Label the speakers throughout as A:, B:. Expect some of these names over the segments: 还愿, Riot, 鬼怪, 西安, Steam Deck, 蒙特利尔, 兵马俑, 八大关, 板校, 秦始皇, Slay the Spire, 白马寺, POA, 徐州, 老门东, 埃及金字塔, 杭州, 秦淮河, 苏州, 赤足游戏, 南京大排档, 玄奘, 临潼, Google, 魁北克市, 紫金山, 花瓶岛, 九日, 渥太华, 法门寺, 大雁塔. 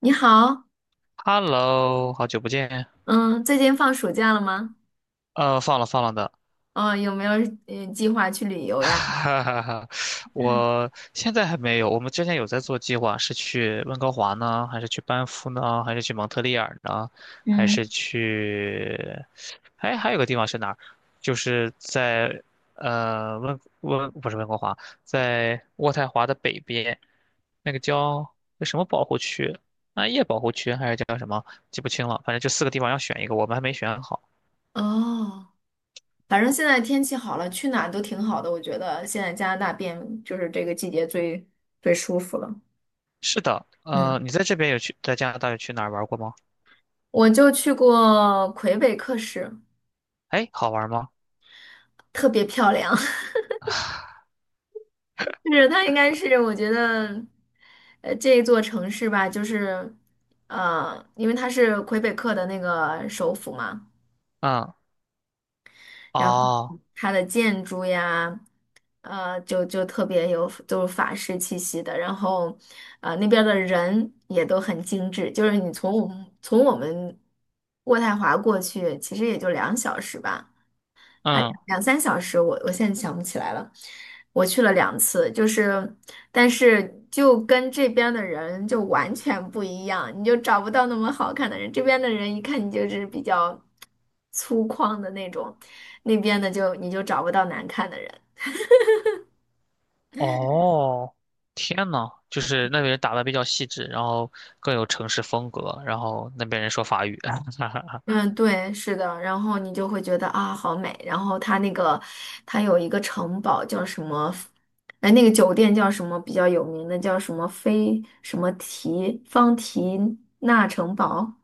A: 你好，
B: Hello，好久不见。
A: 嗯，最近放暑假了吗？
B: 放了放了的，
A: 哦，有没有计划去旅 游呀？
B: 哈哈哈。我现在还没有。我们之前有在做计划，是去温哥华呢，还是去班夫呢，还是去蒙特利尔呢，还是
A: 嗯，
B: 去……哎，还有个地方是哪儿？就是在呃温温不是温哥华，在渥太华的北边，那个叫那什么保护区，暗夜保护区还是叫什么？记不清了。反正就4个地方要选一个，我们还没选好。
A: 哦，反正现在天气好了，去哪儿都挺好的。我觉得现在加拿大变就是这个季节最舒服了。
B: 是的，
A: 嗯，
B: 你在这边有去，在加拿大有去哪儿玩过吗？
A: 我就去过魁北克市，
B: 哎，好玩吗？
A: 特别漂亮。就是它应该是我觉得，这一座城市吧，就是，因为它是魁北克的那个首府嘛。
B: 嗯，
A: 然后
B: 哦，
A: 它的建筑呀，呃，就就特别有就是法式气息的。然后，那边儿的人也都很精致，就是你从我们渥太华过去，其实也就两小时吧。啊，
B: 嗯，
A: 两三小时我现在想不起来了。我去了两次，就是，但是就跟这边的人就完全不一样，你就找不到那么好看的人。这边的人一看你就是比较粗犷的那种，那边的就你就找不到难看的人。
B: 哦，天呐，就是那边人打的比较细致，然后更有城市风格，然后那边人说法语。
A: 嗯，对，是的，然后你就会觉得啊，好美。然后它那个，它有一个城堡叫什么？哎，那个酒店叫什么？比较有名的叫什么菲什么提方提纳城堡，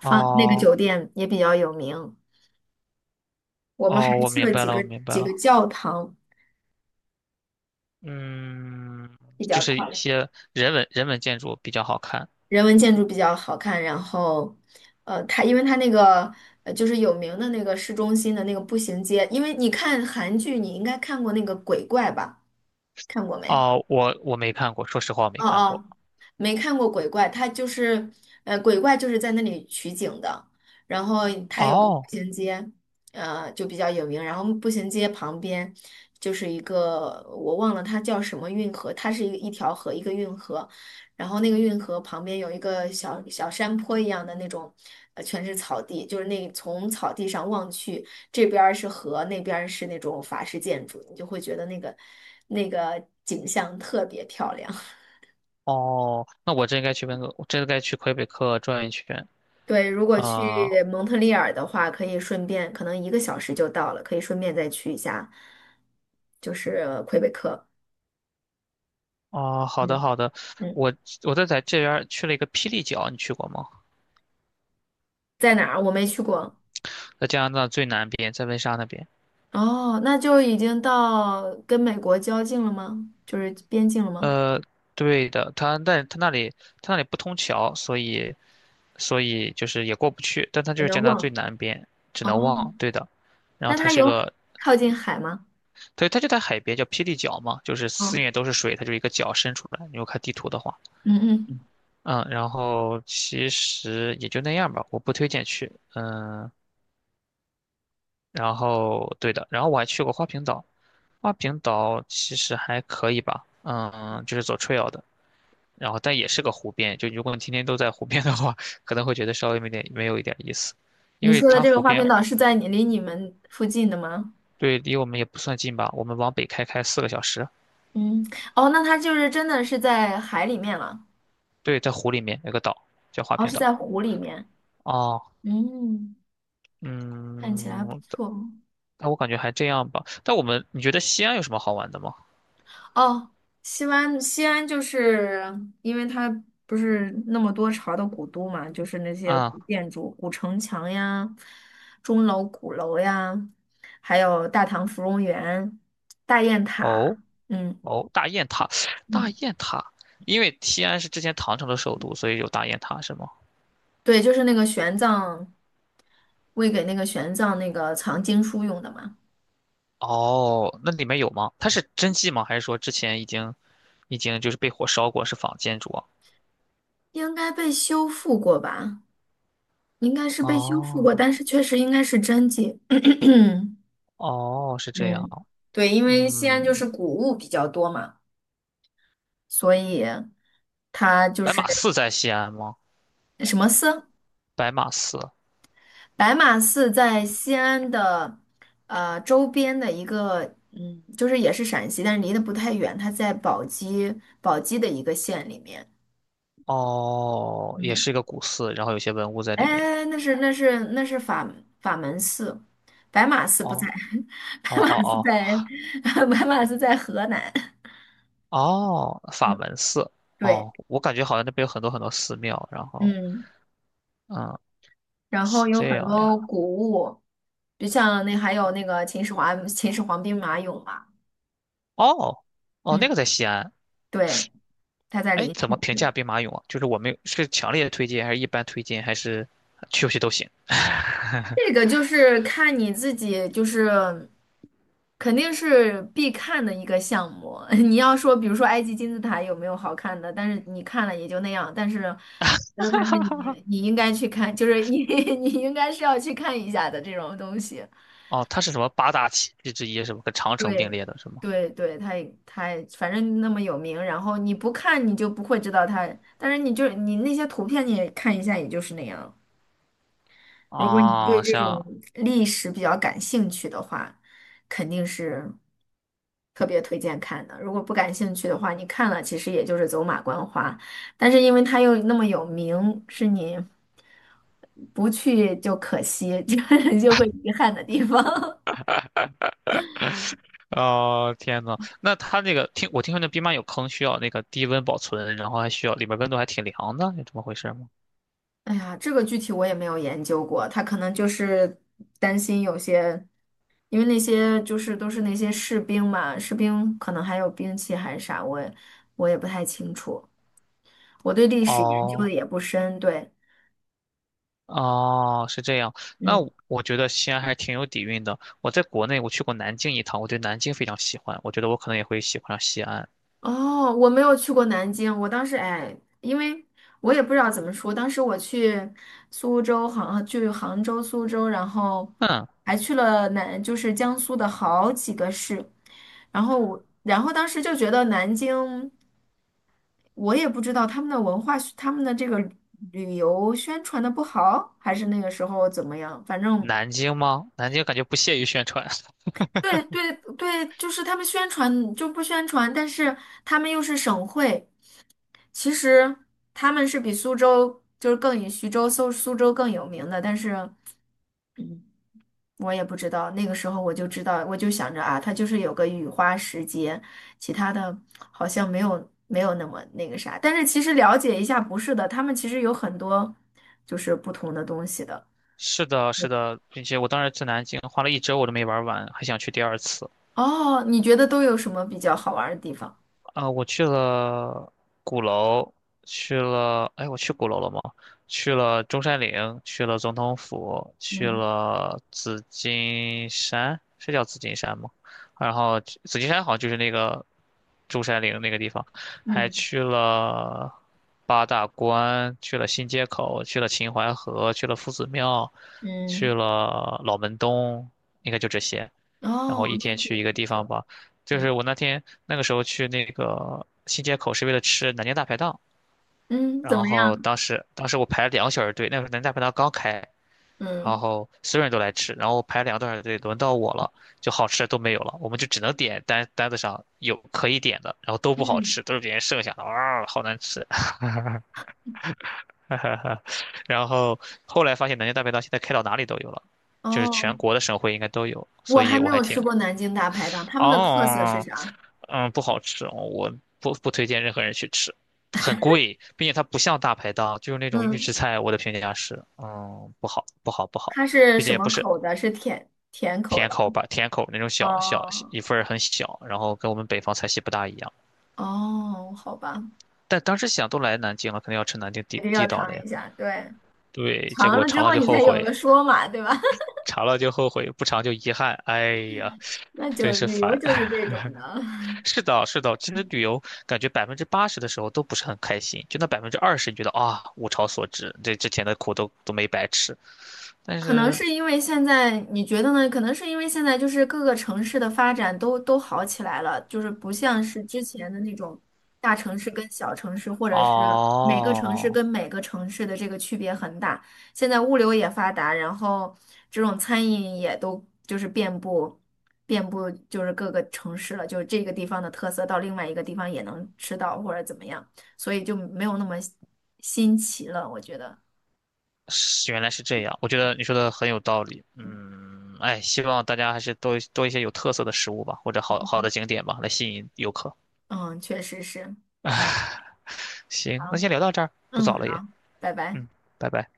A: 方那个
B: 哦，
A: 酒店也比较有名。我们还
B: 哦，我
A: 去
B: 明
A: 了
B: 白
A: 几
B: 了，
A: 个
B: 我明白
A: 几个
B: 了。
A: 教堂，
B: 嗯，
A: 比
B: 就
A: 较
B: 是
A: 漂
B: 一
A: 亮，
B: 些人文建筑比较好看。
A: 人文建筑比较好看。然后，它因为它那个就是有名的那个市中心的那个步行街，因为你看韩剧，你应该看过那个鬼怪吧？看过没？
B: 哦，我没看过，说实话我没
A: 哦
B: 看过。
A: 哦，没看过鬼怪，它就是，鬼怪就是在那里取景的，然后它有个步
B: 哦，
A: 行街，就比较有名，然后步行街旁边就是一个我忘了它叫什么运河，它是一条河，一个运河，然后那个运河旁边有一个小小山坡一样的那种，全是草地，就是那从草地上望去，这边儿是河，那边儿是那种法式建筑，你就会觉得那个景象特别漂亮。
B: 哦，那我真该去温哥，我真该去魁北克转一圈。
A: 对，如果去
B: 啊、
A: 蒙特利尔的话，可以顺便，可能一个小时就到了，可以顺便再去一下，就是魁北克。
B: 哦，好的
A: 嗯
B: 好的，
A: 嗯，
B: 我我在这边儿去了一个霹雳角，你去过吗？
A: 在哪儿？我没去过。
B: 在加拿大最南边，在温莎那边。
A: 哦，那就已经到跟美国交境了吗？就是边境了吗？
B: 呃，对的，它但它那里不通桥，所以就是也过不去，但它就
A: 有
B: 是加
A: 点
B: 拿大最
A: 忘。
B: 南边，只
A: 哦，
B: 能望，对的。然后
A: 那
B: 它
A: 它
B: 是一
A: 有
B: 个，
A: 靠近海吗？
B: 对，它就在海边，叫霹雳角嘛，就是四
A: 嗯
B: 面都是水，它就是一个角伸出来。你如果看地图的话，
A: 嗯嗯，
B: 嗯，然后其实也就那样吧，我不推荐去，嗯、然后对的，然后我还去过花瓶岛，花瓶岛其实还可以吧，嗯，就是走 trail 的，然后但也是个湖边，就如果你天天都在湖边的话，可能会觉得稍微没有一点意思，因
A: 你
B: 为
A: 说的
B: 它
A: 这个
B: 湖
A: 花瓶
B: 边
A: 岛是在你离你们附近的吗？
B: 对离我们也不算近吧，我们往北开4个小时，
A: 嗯，哦，那它就是真的是在海里面了，
B: 对，在湖里面有个岛叫花
A: 哦，
B: 瓶
A: 是
B: 岛，
A: 在湖里面。
B: 哦，
A: 嗯。看起来
B: 嗯，
A: 不
B: 但
A: 错
B: 但我感觉还这样吧，但我们你觉得西安有什么好玩的吗？
A: 哦。西安，西安就是因为它不是那么多朝的古都嘛，就是那些
B: 啊、
A: 古建筑、古城墙呀、钟楼、鼓楼呀，还有大唐芙蓉园、大雁塔。
B: 哦。
A: 嗯
B: 哦，大雁塔，大
A: 嗯，
B: 雁塔，因为西安是之前唐朝的首都，所以有大雁塔是吗？
A: 对，就是那个玄奘为给那个玄奘那个藏经书用的嘛，
B: 哦，那里面有吗？它是真迹吗？还是说之前已经就是被火烧过，是仿建筑啊？
A: 应该被修复过吧？应该是被修复过，
B: 哦
A: 但是确实应该是真迹。
B: 哦，是这样。
A: 嗯，对，因为西安就
B: 嗯，
A: 是古物比较多嘛，所以它就
B: 白
A: 是
B: 马寺在西安吗？
A: 什么寺？
B: 白马寺，
A: 白马寺在西安的周边的一个，嗯，就是也是陕西，但是离得不太远，它在宝鸡的一个县里面。
B: 哦，也是一个古寺，然后有些文物在里面。
A: 哎，那是法门寺，白马寺不在，
B: 哦
A: 白
B: 哦
A: 马寺
B: 哦
A: 在 白马寺在河南。
B: 哦哦，法
A: 嗯，
B: 门寺。
A: 对，
B: 哦，我感觉好像那边有很多很多寺庙，然后
A: 嗯。
B: 嗯，
A: 然后
B: 是
A: 有
B: 这
A: 很
B: 样
A: 多
B: 呀。
A: 古物，就像那还有那个秦始皇兵马俑嘛，
B: 哦，哦，
A: 嗯，
B: 那个在西安。
A: 对，他在
B: 哎，
A: 临
B: 怎么
A: 潼
B: 评价
A: 用
B: 兵马俑啊？就是我们是强烈推荐，还是一般推荐，还是去不去都行？
A: 这个就是看你自己，就是肯定是必看的一个项目。你要说，比如说埃及金字塔有没有好看的，但是你看了也就那样。但是我觉得它是你应该去看，就是你 你应该是要去看一下的这种东西。
B: 哦，它是什么八大奇迹之一，是吗？跟长城并
A: 对
B: 列的是吗？
A: 对对，他也他也反正那么有名，然后你不看你就不会知道他，但是你就你那些图片你也看一下，也就是那样。如果你对
B: 啊、
A: 这种
B: 像，
A: 历史比较感兴趣的话，肯定是特别推荐看的。如果不感兴趣的话，你看了其实也就是走马观花，但是因为他又那么有名，是你不去就可惜，就 就会遗憾的地方。
B: 哦，天呐，那它那个我听说那兵马俑坑需要那个低温保存，然后还需要里面温度还挺凉的，是这么回事吗？
A: 哎呀，这个具体我也没有研究过，他可能就是担心有些，因为那些就是都是那些士兵嘛，士兵可能还有兵器还是啥，我也不太清楚，我对历史研究的
B: 哦。
A: 也不深，对，
B: 哦，是这样。那
A: 嗯。
B: 我觉得西安还挺有底蕴的。我在国内我去过南京一趟，我对南京非常喜欢，我觉得我可能也会喜欢上西安。
A: 哦，我没有去过南京，我当时哎，因为我也不知道怎么说，当时我去苏州、杭，去杭州、苏州，然后
B: 嗯。
A: 还去了南，就是江苏的好几个市，然后我，然后当时就觉得南京，我也不知道他们的文化，他们的这个旅游宣传的不好，还是那个时候怎么样，反正。
B: 南京吗？南京感觉不屑于宣传。
A: 对对对,就是他们宣传就不宣传，但是他们又是省会。其实他们是比苏州就是更以徐州、苏州更有名的，但是我也不知道。那个时候我就知道，我就想着啊，它就是有个雨花石节，其他的好像没有那么那个啥。但是其实了解一下，不是的，他们其实有很多就是不同的东西的。
B: 是的，是的，并且我当时去南京花了一周，我都没玩完，还想去第二次。
A: 哦，你觉得都有什么比较好玩儿的地方？
B: 啊、我去了鼓楼，去了，哎，我去鼓楼了吗？去了中山陵，去了总统府，去
A: 嗯
B: 了紫金山，是叫紫金山吗？然后紫金山好像就是那个中山陵那个地方，还
A: 嗯
B: 去了八大关，去了新街口，去了秦淮河，去了夫子庙，去
A: 嗯，
B: 了老门东，应该就这些。然后
A: 哦，
B: 一
A: 那
B: 天去
A: 确
B: 一
A: 实
B: 个地方
A: 是，
B: 吧。就
A: 嗯
B: 是我那天那个时候去那个新街口是为了吃南京大排档，
A: 嗯，怎
B: 然
A: 么
B: 后
A: 样？
B: 当时我排了2个小时队，那个时候南京大排档刚开，然
A: 嗯
B: 后所有人都来吃，然后我排了2个多小时队，轮到我了，就好吃的都没有了，我们就只能点单单子上有可以点的，然后都不好
A: 嗯，
B: 吃，都是别人剩下的，哇，好难吃。然后后来发现南京大排档现在开到哪里都有了，就是全
A: 哦。
B: 国的省会应该都有，
A: 我
B: 所
A: 还
B: 以
A: 没
B: 我还
A: 有
B: 挺
A: 吃过南京大排档，他
B: 哦，
A: 们的特色是
B: 哦哦
A: 啥？
B: 嗯，不好吃哦我不推荐任何人去吃，很贵，并且它不像大排档，就是那种预
A: 嗯，
B: 制菜。我的评价是，嗯，不好，不好，不好，
A: 它是
B: 并
A: 什
B: 且也
A: 么
B: 不是
A: 口的？是甜甜口
B: 甜
A: 的。
B: 口吧，甜口那种小小
A: 哦
B: 一份儿很小，然后跟我们北方菜系不大一样。
A: 哦，好吧，
B: 但当时想都来南京了，肯定要吃南京
A: 一定要
B: 地道的
A: 尝
B: 呀。
A: 一下。对，
B: 对，结
A: 尝
B: 果
A: 了之
B: 尝了
A: 后
B: 就
A: 你
B: 后
A: 才有
B: 悔，
A: 的说嘛，对吧？
B: 尝了就后悔，不尝就遗憾。哎呀，
A: 那就
B: 真是
A: 旅游
B: 烦。
A: 就是这种的。
B: 是的，是的，其实旅游感觉80%的时候都不是很开心，就那20%，你觉得啊，物超所值，这之前的苦都没白吃。但
A: 可能
B: 是
A: 是因为现在，你觉得呢？可能是因为现在就是各个城市的发展都好起来了，就是不像是之前的那种大城市跟小城市，或者是每个城市
B: 哦，
A: 跟每个城市的这个区别很大。现在物流也发达，然后这种餐饮也都就是遍布就是各个城市了，就是这个地方的特色到另外一个地方也能吃到或者怎么样，所以就没有那么新奇了，我觉得。
B: 是原来是这样，我觉得你说的很有道理。
A: 嗯，
B: 嗯，哎，希望大家还是多多一些有特色的食物吧，或者好好的景点吧，来吸引游客。
A: 嗯确实是。
B: 行，那
A: 好
B: 先聊到这儿，不
A: 嗯，
B: 早了也。
A: 好，拜拜。
B: 嗯，拜拜。